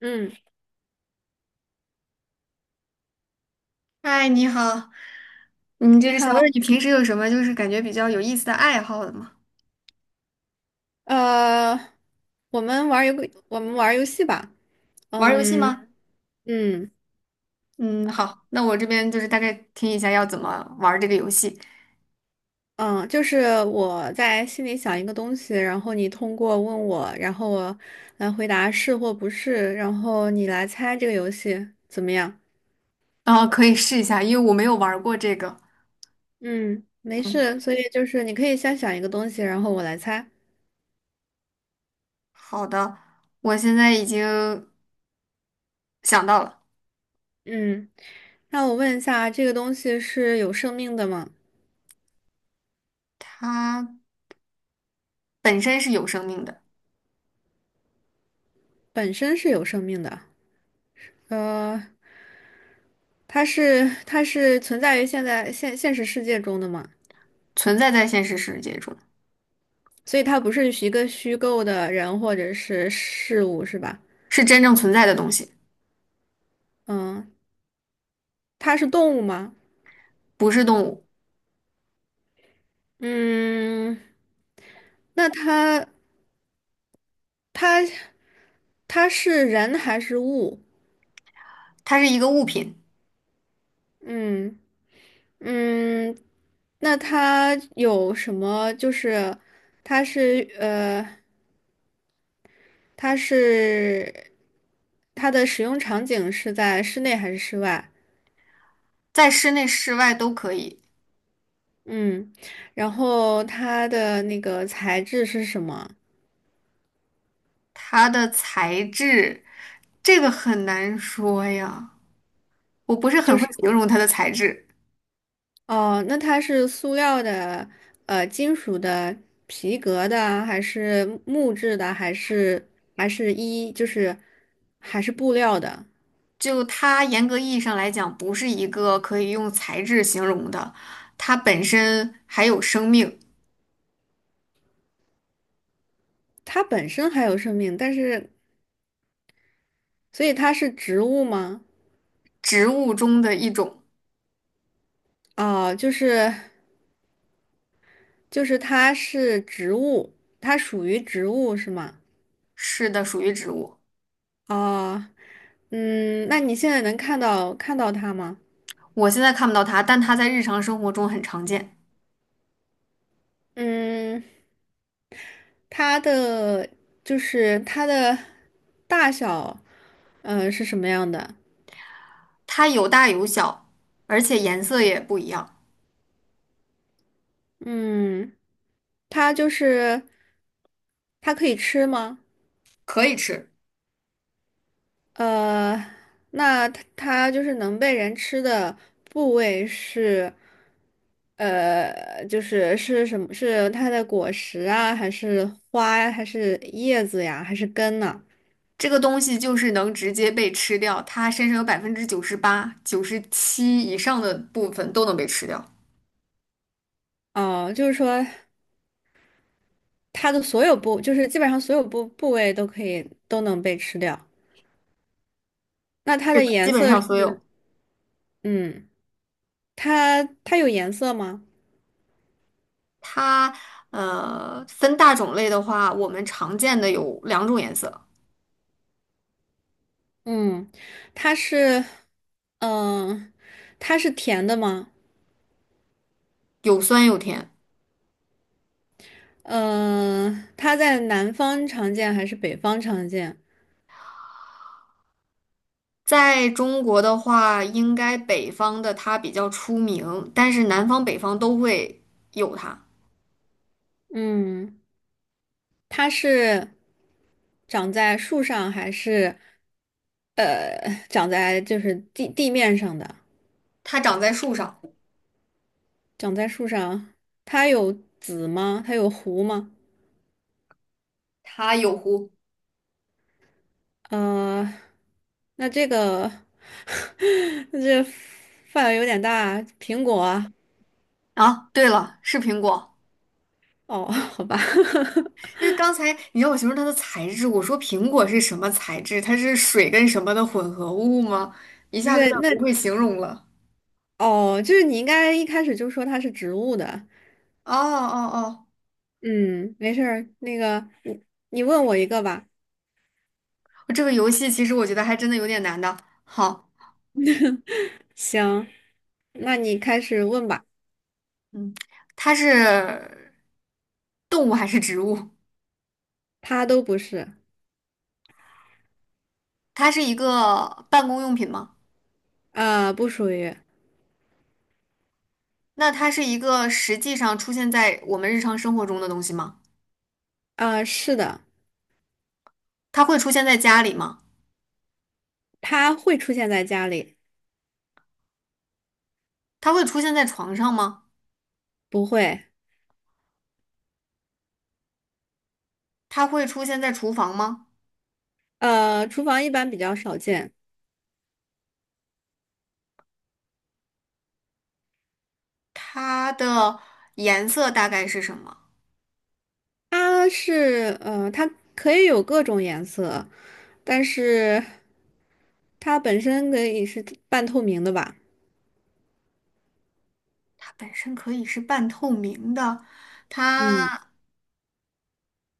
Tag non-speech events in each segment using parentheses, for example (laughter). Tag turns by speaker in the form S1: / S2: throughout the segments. S1: 嗯，
S2: 嗨，你好，就
S1: 你
S2: 是想问
S1: 好，
S2: 问你平时有什么就是感觉比较有意思的爱好的吗？
S1: 呃，我们玩儿游，我们玩儿游戏吧。
S2: 玩儿游戏
S1: 嗯
S2: 吗？
S1: 嗯
S2: 嗯，好，那我这边就是大概听一下要怎么玩儿这个游戏，
S1: 嗯，就是我在心里想一个东西，然后你通过问我，然后我来回答是或不是，然后你来猜这个游戏怎么样？
S2: 然后可以试一下，因为我没有玩儿过这个。
S1: 嗯，没
S2: 嗯，
S1: 事，所以就是你可以先想一个东西，然后我来猜。
S2: 好的，我现在已经想到了，
S1: 嗯，那我问一下，这个东西是有生命的吗？
S2: 它本身是有生命的，
S1: 本身是有生命的。呃。它是存在于现在现现实世界中的嘛，
S2: 存在在现实世界中，
S1: 所以它不是一个虚构的人或者是事物，是吧？
S2: 是真正存在的东西，
S1: 嗯，它是动物吗？
S2: 不是动物，
S1: 嗯，那它它是人还是物？
S2: 它是一个物品，
S1: 嗯嗯，那它有什么？就是它是呃，它是它的使用场景是在室内还是室外？
S2: 在室内、室外都可以。
S1: 嗯，然后它的那个材质是什么？
S2: 它的材质，这个很难说呀，我不是
S1: 就
S2: 很会
S1: 是
S2: 形容它的材质。
S1: 哦，那它是塑料的、金属的、皮革的，还是木质的，还是还是一就是还是布料的？
S2: 就它严格意义上来讲，不是一个可以用材质形容的，它本身还有生命，
S1: 它本身还有生命，但是所以它是植物吗？
S2: 植物中的一种。
S1: 哦，就是它是植物，它属于植物是吗？
S2: 是的，属于植物。
S1: 哦，嗯，那你现在能看到它吗？
S2: 我现在看不到它，但它在日常生活中很常见。
S1: 嗯。它的它的大小，是什么样的？
S2: 它有大有小，而且颜色也不一样，
S1: 嗯，它就是它可以吃吗？
S2: 可以吃。
S1: 呃，那它就是能被人吃的部位是，就是是什么？是它的果实啊，还是花呀，还是叶子呀，还是根呢？
S2: 这个东西就是能直接被吃掉，它身上有98%、97%以上的部分都能被吃掉，
S1: 哦，就是说它的所有部，就是基本上所有部位都都能被吃掉。那它的颜
S2: 基本
S1: 色
S2: 上所
S1: 是，
S2: 有。
S1: 嗯，它有颜色吗？
S2: 它分大种类的话，我们常见的有两种颜色，
S1: 嗯，它是，嗯、它是甜的吗？
S2: 有酸有甜。
S1: 嗯、它在南方常见还是北方常见？
S2: 在中国的话，应该北方的它比较出名，但是南方北方都会有它。
S1: 嗯，它是长在树上还是，长在就是地面上的？
S2: 它长在树上，
S1: 长在树上，它有籽吗？它有核吗？
S2: 它有核
S1: 嗯、呃那这个，(laughs) 那这范围有点大。苹果啊，
S2: 啊。对了，是苹果。
S1: 哦，(laughs) 好吧，(laughs)
S2: 因为刚才你让我形容它的材质，我说苹果是什么材质？它是水跟什么的混合物吗？一
S1: 不
S2: 下子有
S1: 是，
S2: 点
S1: 那
S2: 不会形容了。
S1: 哦，就是你应该一开始就说它是植物的。
S2: 哦哦哦，
S1: 嗯，没事儿。那个，你问我一个吧。
S2: 这个游戏其实我觉得还真的有点难的。好，
S1: (laughs) 行，那你开始问吧。
S2: 嗯，它是动物还是植物？
S1: 它都不是，
S2: 它是一个办公用品吗？
S1: 不属于，
S2: 那它是一个实际上出现在我们日常生活中的东西吗？
S1: 是的，
S2: 它会出现在家里吗？
S1: 它会出现在家里，
S2: 它会出现在床上吗？
S1: 不会，
S2: 它会出现在厨房吗？
S1: 厨房一般比较少见。
S2: 它的颜色大概是什么？
S1: 它可以有各种颜色，但是它本身可以是半透明的吧？
S2: 它本身可以是半透明的。
S1: 嗯，
S2: 它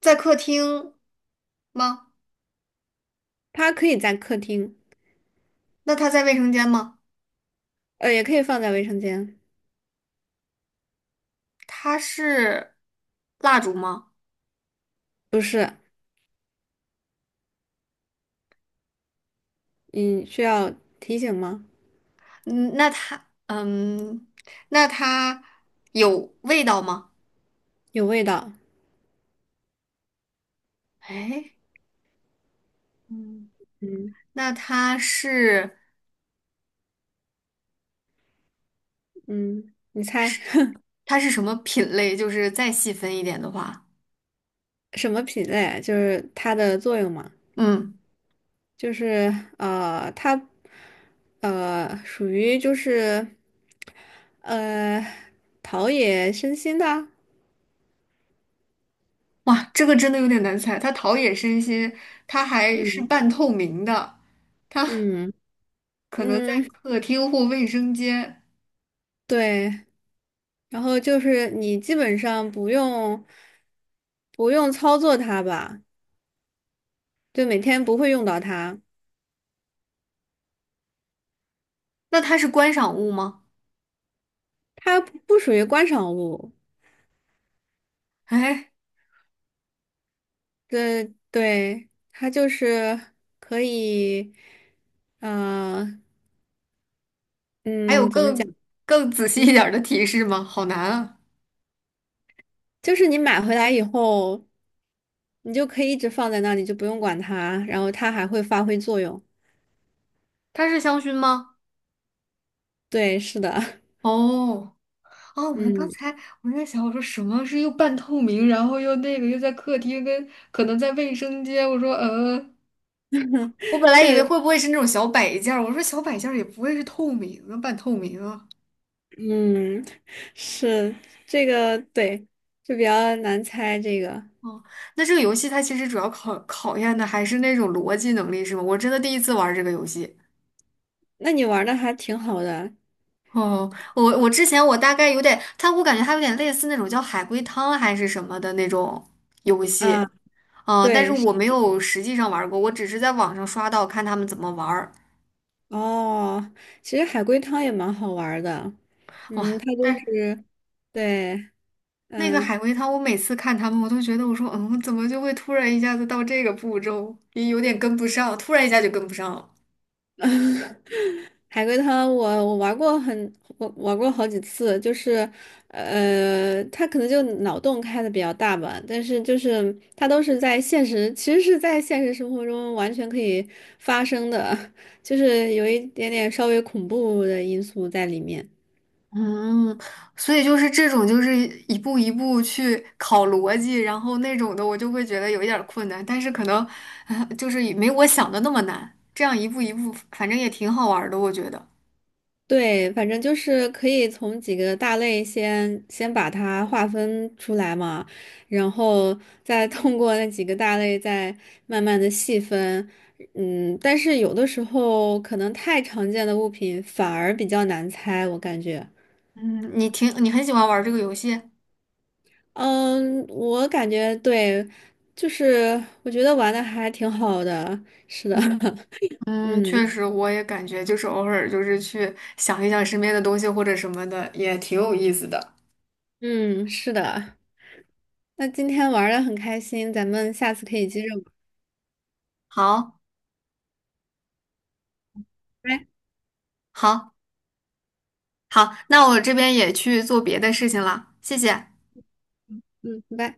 S2: 在客厅吗？
S1: 它可以在客厅，
S2: 那它在卫生间吗？
S1: 也可以放在卫生间。
S2: 它是蜡烛吗？
S1: 不是，你需要提醒吗？
S2: 嗯，那它，嗯，那它有味道吗？
S1: 有味道。
S2: 哎，嗯，
S1: 嗯
S2: 那它是
S1: 嗯，你猜
S2: 是
S1: (laughs)
S2: 它是什么品类？就是再细分一点的话，
S1: 什么品类？就是它的作用嘛？
S2: 嗯，
S1: 就是呃，它属于就是呃陶冶身心的。
S2: 哇，这个真的有点难猜。它陶冶身心，它还是
S1: 嗯
S2: 半透明的，它
S1: 嗯。
S2: 可能在
S1: 嗯，
S2: 客厅或卫生间。
S1: 对，然后就是你基本上不用操作它吧，就每天不会用到它，
S2: 那它是观赏物吗？
S1: 它不属于观赏物，
S2: 哎，
S1: 对对，它就是可以，呃，
S2: 还有
S1: 嗯，怎么
S2: 更
S1: 讲？
S2: 更仔细
S1: 嗯，
S2: 一点儿的提示吗？好难啊！
S1: 就是你买回来以后，你就可以一直放在那里，就不用管它，然后它还会发挥作用。
S2: 它是香薰吗？
S1: 对，是的，
S2: 哦哦，
S1: (laughs)
S2: 我刚
S1: 嗯。
S2: 才我在想，我说什么是又半透明，然后又那个又在客厅跟可能在卫生间，我说我本来以为会不会是那种小摆件儿，我说小摆件儿也不会是透明啊，半透明啊。
S1: 嗯，是这个对，就比较难猜这个。
S2: 哦，那这个游戏它其实主要考验的还是那种逻辑能力，是吗？我真的第一次玩这个游戏。
S1: 那你玩的还挺好的。
S2: 哦，我之前我大概有点，它我感觉它有点类似那种叫海龟汤还是什么的那种游
S1: 啊，
S2: 戏，但是
S1: 对是
S2: 我没有实际上玩过，我只是在网上刷到看他们怎么玩儿。
S1: 哦，其实海龟汤也蛮好玩的。
S2: 哇，
S1: 嗯，它就
S2: 但是
S1: 是对，
S2: 那个海
S1: 嗯。
S2: 龟汤，我每次看他们，我都觉得我说，怎么就会突然一下子到这个步骤，也有点跟不上，突然一下就跟不上了。
S1: (laughs) 海龟汤我玩过好几次，就是他可能就脑洞开的比较大吧，但是就是他都是在现实，其实是在现实生活中完全可以发生的，(laughs) 就是有一点点稍微恐怖的因素在里面。
S2: 嗯，所以就是这种，就是一步一步去考逻辑，然后那种的我就会觉得有一点儿困难，但是可能，就是也没我想的那么难。这样一步一步，反正也挺好玩儿的，我觉得。
S1: 对，反正就是可以从几个大类先把它划分出来嘛，然后再通过那几个大类再慢慢的细分。嗯，但是有的时候可能太常见的物品反而比较难猜，我感觉。
S2: 嗯，你很喜欢玩儿这个游戏。
S1: 嗯，我感觉对，就是我觉得玩的还挺好的。是的，
S2: 嗯
S1: (laughs)
S2: 嗯，
S1: 嗯
S2: 确实，我也感觉就是偶尔就是去想一想身边的东西或者什么的，也挺有意思的。
S1: 嗯，是的。那今天玩的很开心，咱们下次可以接着玩。
S2: 好，
S1: 拜，
S2: 好，好，那我这边也去做别的事情了，谢谢。
S1: 嗯，拜。